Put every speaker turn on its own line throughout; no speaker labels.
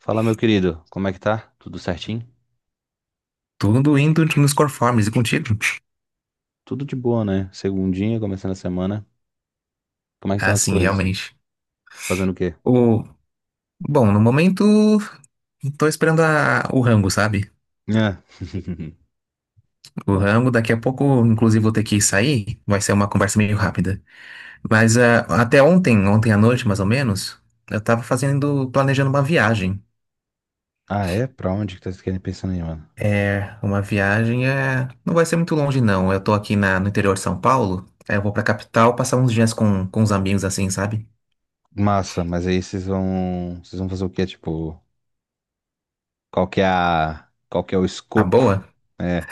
Fala, meu querido, como é que tá? Tudo certinho?
Tudo indo nos conformes e contigo?
Tudo de boa, né? Segundinha, começando a semana. Como é que estão
Ah,
as
sim,
coisas?
realmente.
Fazendo o quê?
O... Bom, no momento, tô esperando o rango, sabe?
É.
O rango, daqui a pouco, inclusive, vou ter que sair. Vai ser uma conversa meio rápida. Mas até ontem, ontem à noite, mais ou menos, eu tava fazendo, planejando uma viagem.
Ah, é? Pra onde que vocês querem pensando aí, mano?
É, uma viagem é... Não vai ser muito longe, não. Eu tô aqui no interior de São Paulo. Aí eu vou pra capital passar uns dias com os amigos, assim, sabe?
Massa, mas aí vocês vão fazer o quê? Tipo, qual que é o
A
escopo?
boa.
É.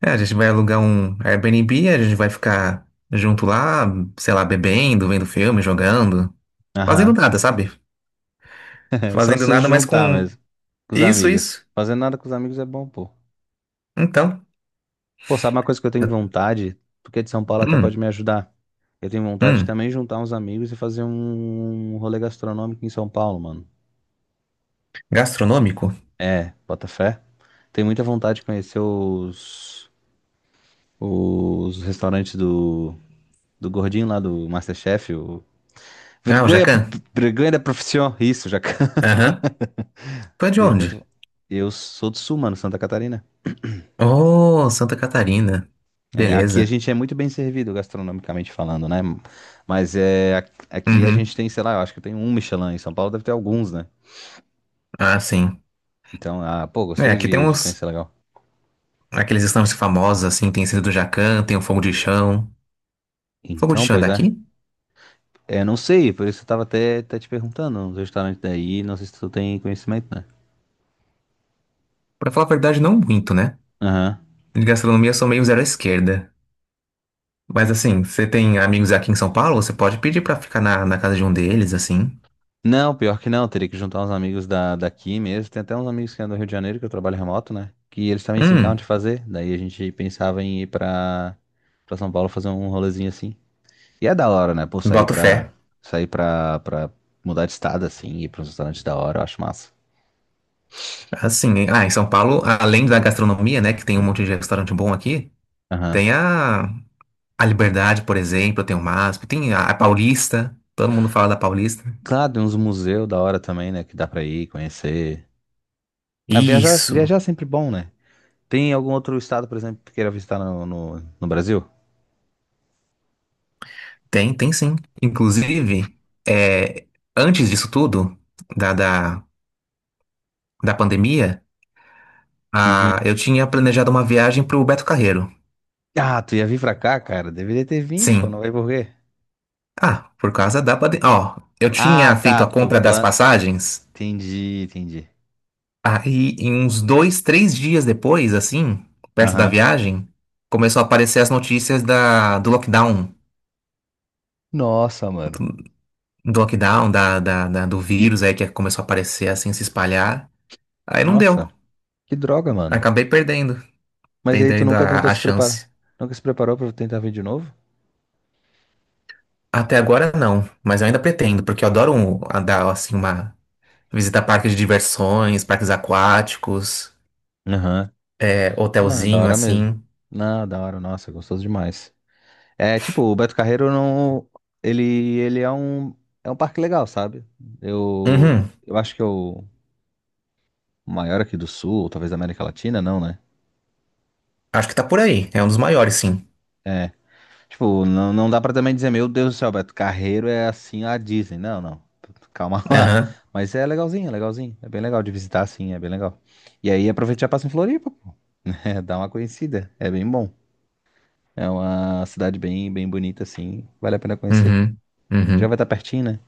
É, a gente vai alugar um Airbnb, a gente vai ficar junto lá, sei lá, bebendo, vendo filme, jogando, fazendo
Aham.
nada, sabe?
É só
Fazendo
se
nada, mas
juntar
com
mesmo com os
isso,
amigos.
isso.
Fazer nada com os amigos é bom, pô.
Então,
Pô, sabe uma coisa que eu tenho
eu-
vontade? Porque de São Paulo até
hum,
pode me ajudar. Eu tenho vontade de
hum,
também juntar uns amigos e fazer um rolê gastronômico em São Paulo, mano.
gastronômico?
É, bota fé. Tenho muita vontade de conhecer os restaurantes do gordinho lá do MasterChef.
Ah, o
Vergonha,
Jacan?
vergonha da profissão. Isso, já.
Aham. Tu é de
Dei
onde?
muito... Eu sou do Sul, mano, Santa Catarina.
Oh, Santa Catarina.
É, aqui a
Beleza.
gente é muito bem servido gastronomicamente falando, né? Mas é, aqui a gente
Uhum.
tem, sei lá, eu acho que tem um Michelin. Em São Paulo deve ter alguns, né?
Ah, sim.
Então, pô,
É,
gostaria
aqui tem
de
uns,
conhecer legal.
aqueles estandes famosos, assim, tem esse do Jacan, tem o Fogo de Chão. Fogo de
Então,
Chão é
pois é.
daqui?
É, não sei, por isso eu tava até te perguntando, os restaurantes daí, não sei se tu tem conhecimento, né?
Pra falar a verdade, não muito, né?
Aham.
De gastronomia, eu sou meio zero à esquerda. Mas assim, você tem amigos aqui em São Paulo? Você pode pedir pra ficar na casa de um deles, assim.
Não, pior que não, teria que juntar uns amigos daqui mesmo. Tem até uns amigos que é do Rio de Janeiro, que eu trabalho remoto, né? Que eles também se encantam
Hum,
de fazer. Daí a gente pensava em ir pra São Paulo fazer um rolezinho assim. E é da hora, né? Pô,
boto fé.
pra mudar de estado, assim, ir pra um restaurante da hora, eu acho massa.
Assim, em São Paulo, além da gastronomia, né, que tem um monte de restaurante bom aqui,
Aham.
tem a Liberdade, por exemplo, tem o MASP, tem a Paulista, todo mundo fala da Paulista.
Claro, tem uns museus da hora também, né? Que dá pra ir, conhecer. Ah, viajar, viajar
Isso,
é sempre bom, né? Tem algum outro estado, por exemplo, que tu queira visitar no Brasil?
tem, tem sim. Inclusive, é, antes disso tudo, da, da, da pandemia, a,
Uhum.
eu tinha planejado uma viagem pro Beto Carreiro.
Ah, tu ia vir pra cá, cara? Deveria ter vindo, pô, não
Sim.
vai por quê?
Ah, por causa da pandemia. Ó, eu
Ah,
tinha feito
tá,
a
tu
compra das
plan...
passagens,
Entendi, entendi.
aí em uns dois, três dias depois, assim, perto da
Aham.
viagem, começou a aparecer as notícias do lockdown.
Nossa, mano.
Do lockdown, do vírus aí que começou a aparecer, assim, se espalhar. Aí não deu.
Nossa, que droga, mano.
Acabei perdendo.
Mas aí tu
Perdendo
nunca tentou
a
se preparar?
chance.
Nunca se preparou pra tentar vir de novo?
Até agora não, mas eu ainda pretendo, porque eu adoro a dar, assim, uma visita a parques de diversões, parques aquáticos,
Aham.
é,
Não, é da
hotelzinho,
hora mesmo.
assim.
Não, da hora, nossa, gostoso demais. É, tipo, o Beto Carreiro não. Ele, ele é um. É um parque legal, sabe? Eu.
Uhum.
Eu acho que é o maior aqui do Sul, talvez da América Latina, não, né?
Acho que tá por aí. É um dos maiores, sim.
É. Tipo, não, não dá pra também dizer, meu Deus do céu, Beto Carreiro é assim a Disney. Não, não. Calma lá.
Aham.
Mas é legalzinho, é legalzinho. É bem legal de visitar, sim, é bem legal. E aí aproveita e já passa em Floripa, pô. É, dá uma conhecida. É bem bom. É uma cidade bem, bem bonita, assim. Vale a pena conhecer.
Uhum.
Já
Uhum.
vai estar pertinho, né?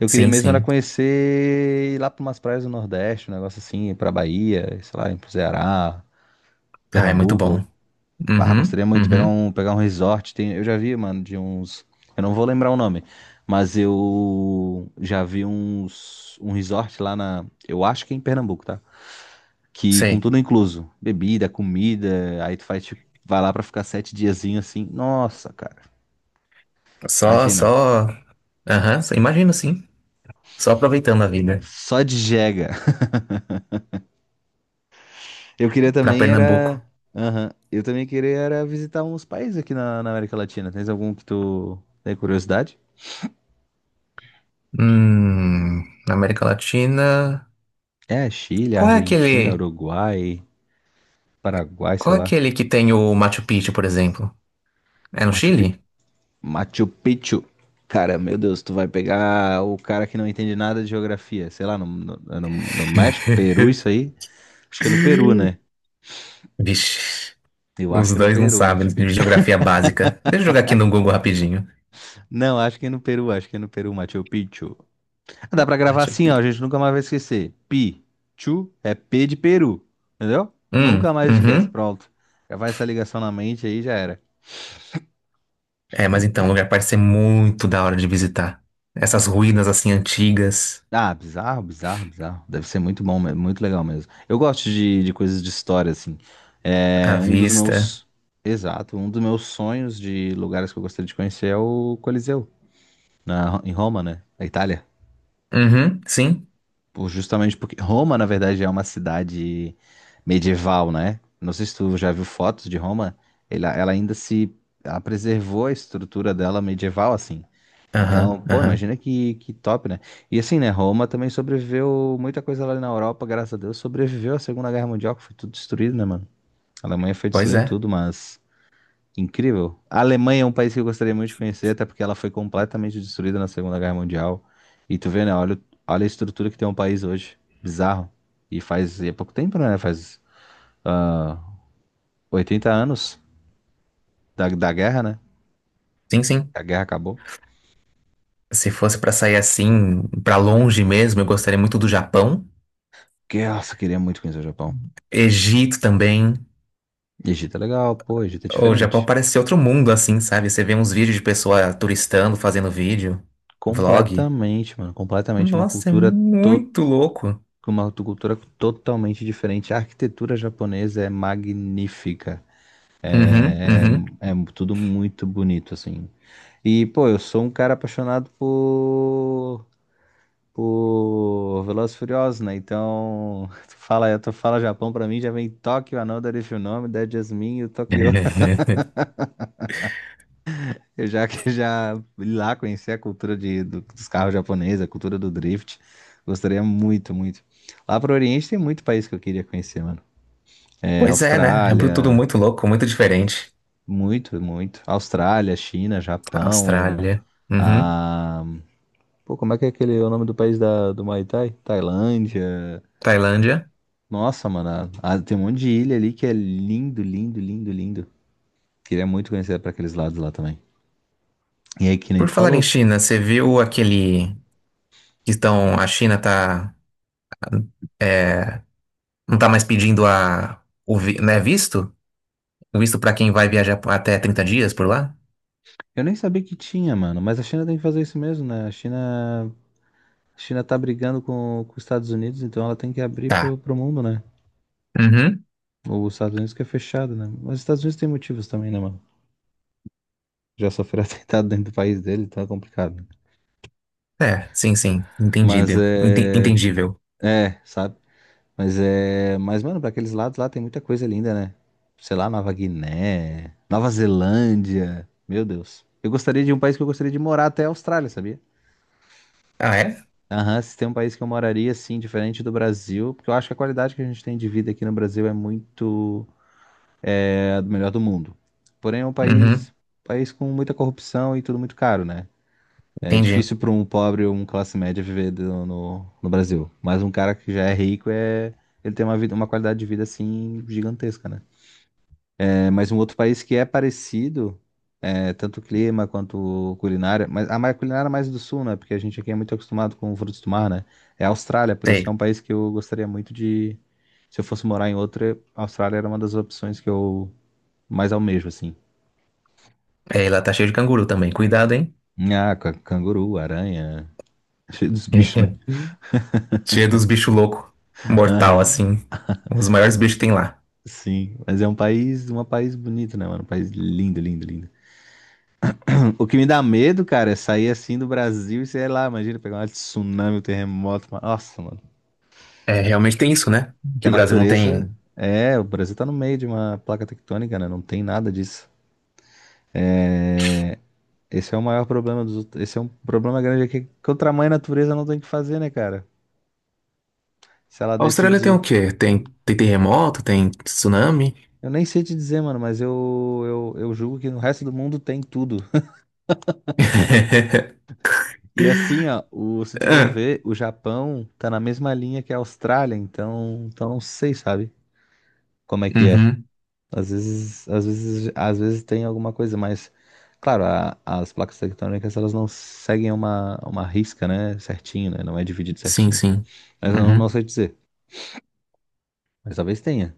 Eu queria
Sim,
mesmo era
sim.
conhecer ir lá para umas praias do Nordeste, um negócio assim, pra Bahia, sei lá, ir pro Ceará,
Ah, é muito
Pernambuco.
bom.
Ah,
Uhum.
gostaria muito de pegar
Uhum.
um, pegar um resort. Tem, eu já vi, mano, de uns. Eu não vou lembrar o nome, mas eu já vi um resort lá na. Eu acho que é em Pernambuco, tá? Que com
Sei.
tudo incluso. Bebida, comida. Aí tu faz, tipo, vai lá pra ficar sete diazinho assim. Nossa, cara.
Só,
Imagina.
só. Aham. Imagino, sim. Só aproveitando a vida.
Só de jega. Eu queria
Pra
também
Pernambuco.
era. Aham. Eu também queria era visitar uns países aqui na América Latina. Tens algum que tu tem curiosidade?
Hum. Na América Latina.
É, Chile,
Qual é
Argentina,
aquele.
Uruguai, Paraguai,
Qual
sei
é
lá.
aquele que tem o Machu Picchu, por exemplo? É no
Machu, Pi-
Chile?
Machu Picchu. Cara, meu Deus, tu vai pegar o cara que não entende nada de geografia. Sei lá, é no México, Peru, isso aí. Acho que é no Peru, né?
Vixe.
Eu acho
Os
que é no
dois não
Peru,
sabem
Machu
de
Picchu.
geografia básica. Deixa eu jogar aqui no Google rapidinho.
Não, acho que é no Peru, acho que é no Peru, Machu Picchu. Dá pra gravar
Machu
assim, ó,
Picchu.
gente nunca mais vai esquecer. Pi, chu, é P de Peru, entendeu? Nunca
Hum.
mais esquece,
Uhum.
pronto. Gravar essa ligação na mente aí já era.
É, mas então, o lugar parece ser muito da hora de visitar. Essas ruínas assim antigas,
Ah, bizarro, bizarro, bizarro. Deve ser muito bom, mesmo, muito legal mesmo. Eu gosto de coisas de história, assim.
à
É um dos
vista.
meus. Exato, um dos meus sonhos de lugares que eu gostaria de conhecer é o Coliseu, em Roma, né? Na Itália.
Uhum, sim.
Justamente porque Roma, na verdade, é uma cidade medieval, né? Não sei se tu já viu fotos de Roma. Ela ainda se. Ela preservou a estrutura dela medieval, assim.
Aham,
Então, pô,
aham.
imagina que top, né? E assim, né? Roma também sobreviveu muita coisa lá na Europa, graças a Deus, sobreviveu à Segunda Guerra Mundial, que foi tudo destruído, né, mano? A Alemanha foi
Pois
destruindo
é.
tudo, mas. Incrível. A Alemanha é um país que eu gostaria muito de conhecer, até porque ela foi completamente destruída na Segunda Guerra Mundial. E tu vê, né? Olha, olha a estrutura que tem um país hoje. Bizarro. E é pouco tempo, né? Faz ah, 80 anos da guerra, né?
Sim, sim.
A guerra acabou.
Se fosse pra sair assim, pra longe mesmo, eu gostaria muito do Japão.
Que, nossa, eu queria muito conhecer o Japão.
Egito também.
Egito é legal, pô, Egito é
O Japão
diferente.
parece ser outro mundo assim, sabe? Você vê uns vídeos de pessoa turistando, fazendo vídeo, vlog.
Completamente, mano. Completamente.
Nossa, é
To...
muito louco.
uma cultura totalmente diferente. A arquitetura japonesa é magnífica.
Uhum,
É,
uhum.
é é tudo muito bonito, assim. E, pô, eu sou um cara apaixonado por Velozes e Furiosos, né? Então, tu fala Japão pra mim, já vem Tóquio, Another If You Know Me, Dead Jasmine e o Tokyo. Eu já que já ir lá conhecer a cultura dos carros japoneses, a cultura do drift. Gostaria muito, muito. Lá pro Oriente tem muito país que eu queria conhecer, mano. É,
Pois é, né? É tudo
Austrália,
muito louco, muito diferente.
muito, muito. Austrália, China, Japão.
Austrália. Uhum.
Ah, pô, como é que é aquele o nome do país do Muay Thai? Tailândia.
Tailândia.
Nossa, mano, tem um monte de ilha ali que é lindo, lindo, lindo, lindo. Queria muito conhecer pra aqueles lados lá também. E aí, que nem
Por
tu
falar em
falou,
China, você viu aquele que estão, a China tá, é, não tá mais pedindo né, visto? O visto para quem vai viajar até 30 dias por lá?
eu nem sabia que tinha, mano, mas a China tem que fazer isso mesmo, né? A China tá brigando com os Estados Unidos, então ela tem que abrir
Tá.
pro mundo, né?
Uhum.
Os Estados Unidos que é fechado, né? Mas os Estados Unidos tem motivos também, né, mano? Já sofreu atentado dentro do país dele, então é complicado, né?
É, sim, sim.
Mas
Entendido.
é.
Entendível.
É, sabe? Mas é. Mas, mano, pra aqueles lados lá tem muita coisa linda, né? Sei lá, Nova Guiné, Nova Zelândia. Meu Deus. Eu gostaria de um país que eu gostaria de morar até a Austrália, sabia?
Ah, é?
Aham, se tem um país que eu moraria, assim, diferente do Brasil, porque eu acho que a qualidade que a gente tem de vida aqui no Brasil é muito. É a do melhor do mundo. Porém, é um país,
Uhum.
país com muita corrupção e tudo muito caro, né? É
Entendi.
difícil para um pobre ou um classe média viver no Brasil. Mas um cara que já é rico é. Ele tem uma vida, uma qualidade de vida assim gigantesca, né? É, mas um outro país que é parecido, é, tanto clima quanto culinária, mas culinária é mais do sul, né? Porque a gente aqui é muito acostumado com frutos do mar, né? É a Austrália, por isso
Sei.
que é um país que eu gostaria muito de. Se eu fosse morar em outra, a Austrália era uma das opções que eu mais almejo, assim.
É, e lá tá cheio de canguru também. Cuidado, hein?
Ah, canguru, aranha, cheio dos bichos, né?
Cheio dos bichos loucos. Mortal,
Aham,
assim. Os maiores bichos que tem lá.
sim. Mas é um país bonito, né, mano? Um país lindo, lindo, lindo. O que me dá medo, cara, é sair assim do Brasil e sei lá, imagina pegar um tsunami, um terremoto, Nossa, mano.
É, realmente tem isso, né?
Que
Que
a
o Brasil não
natureza.
tem.
É, o Brasil tá no meio de uma placa tectônica, né? Não tem nada disso. É, esse é o maior problema esse é um problema grande aqui, que o tamanho da natureza não tem o que fazer, né, cara? Se ela
A Austrália tem o
decidir.
quê? Tem, tem terremoto? Tem tsunami?
Eu nem sei te dizer, mano, mas eu julgo que no resto do mundo tem tudo. E assim, ó, se tu for
Ah,
ver, o Japão tá na mesma linha que a Austrália, então não sei, sabe? Como é que é?
Uhum.
Às vezes tem alguma coisa, mas, claro, as placas tectônicas elas não seguem uma risca, né, certinho, né? Não é dividido
Sim,
certinho.
sim.
Mas eu não, não
Uhum.
sei dizer. Mas talvez tenha,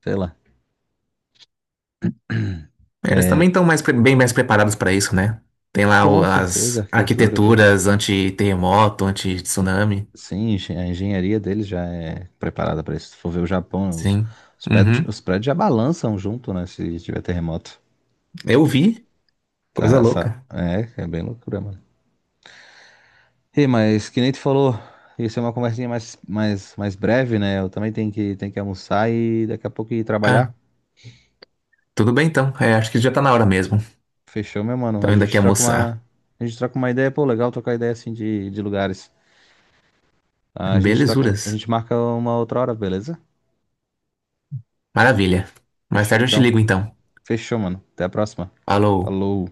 sei lá.
É, eles também
É,
estão mais, bem mais preparados para isso, né? Tem lá
com certeza, a
as
arquitetura, tudo.
arquiteturas anti-terremoto, anti-tsunami.
Sim, a engenharia deles já é preparada para isso. Se for ver o Japão, os,
Sim.
os prédios,
Uhum.
os prédios já balançam junto, né? Se tiver terremoto.
Eu vi.
Tá,
Coisa
essa,
louca.
é bem loucura, mano. E mas que nem tu falou, isso é uma conversinha mais, mais, mais breve, né? Eu também tenho que, almoçar e daqui a pouco ir trabalhar.
Ah, tudo bem então. É, acho que já tá na hora mesmo.
Fechou, meu mano?
Tô
A
indo aqui
gente troca
almoçar.
uma, a gente troca uma ideia, pô, legal trocar ideia assim de lugares. A
Belezuras.
gente marca uma outra hora, beleza?
Maravilha. Mais
Fechou
tarde eu te
então.
ligo então.
Fechou, mano. Até a próxima.
Falou.
Falou.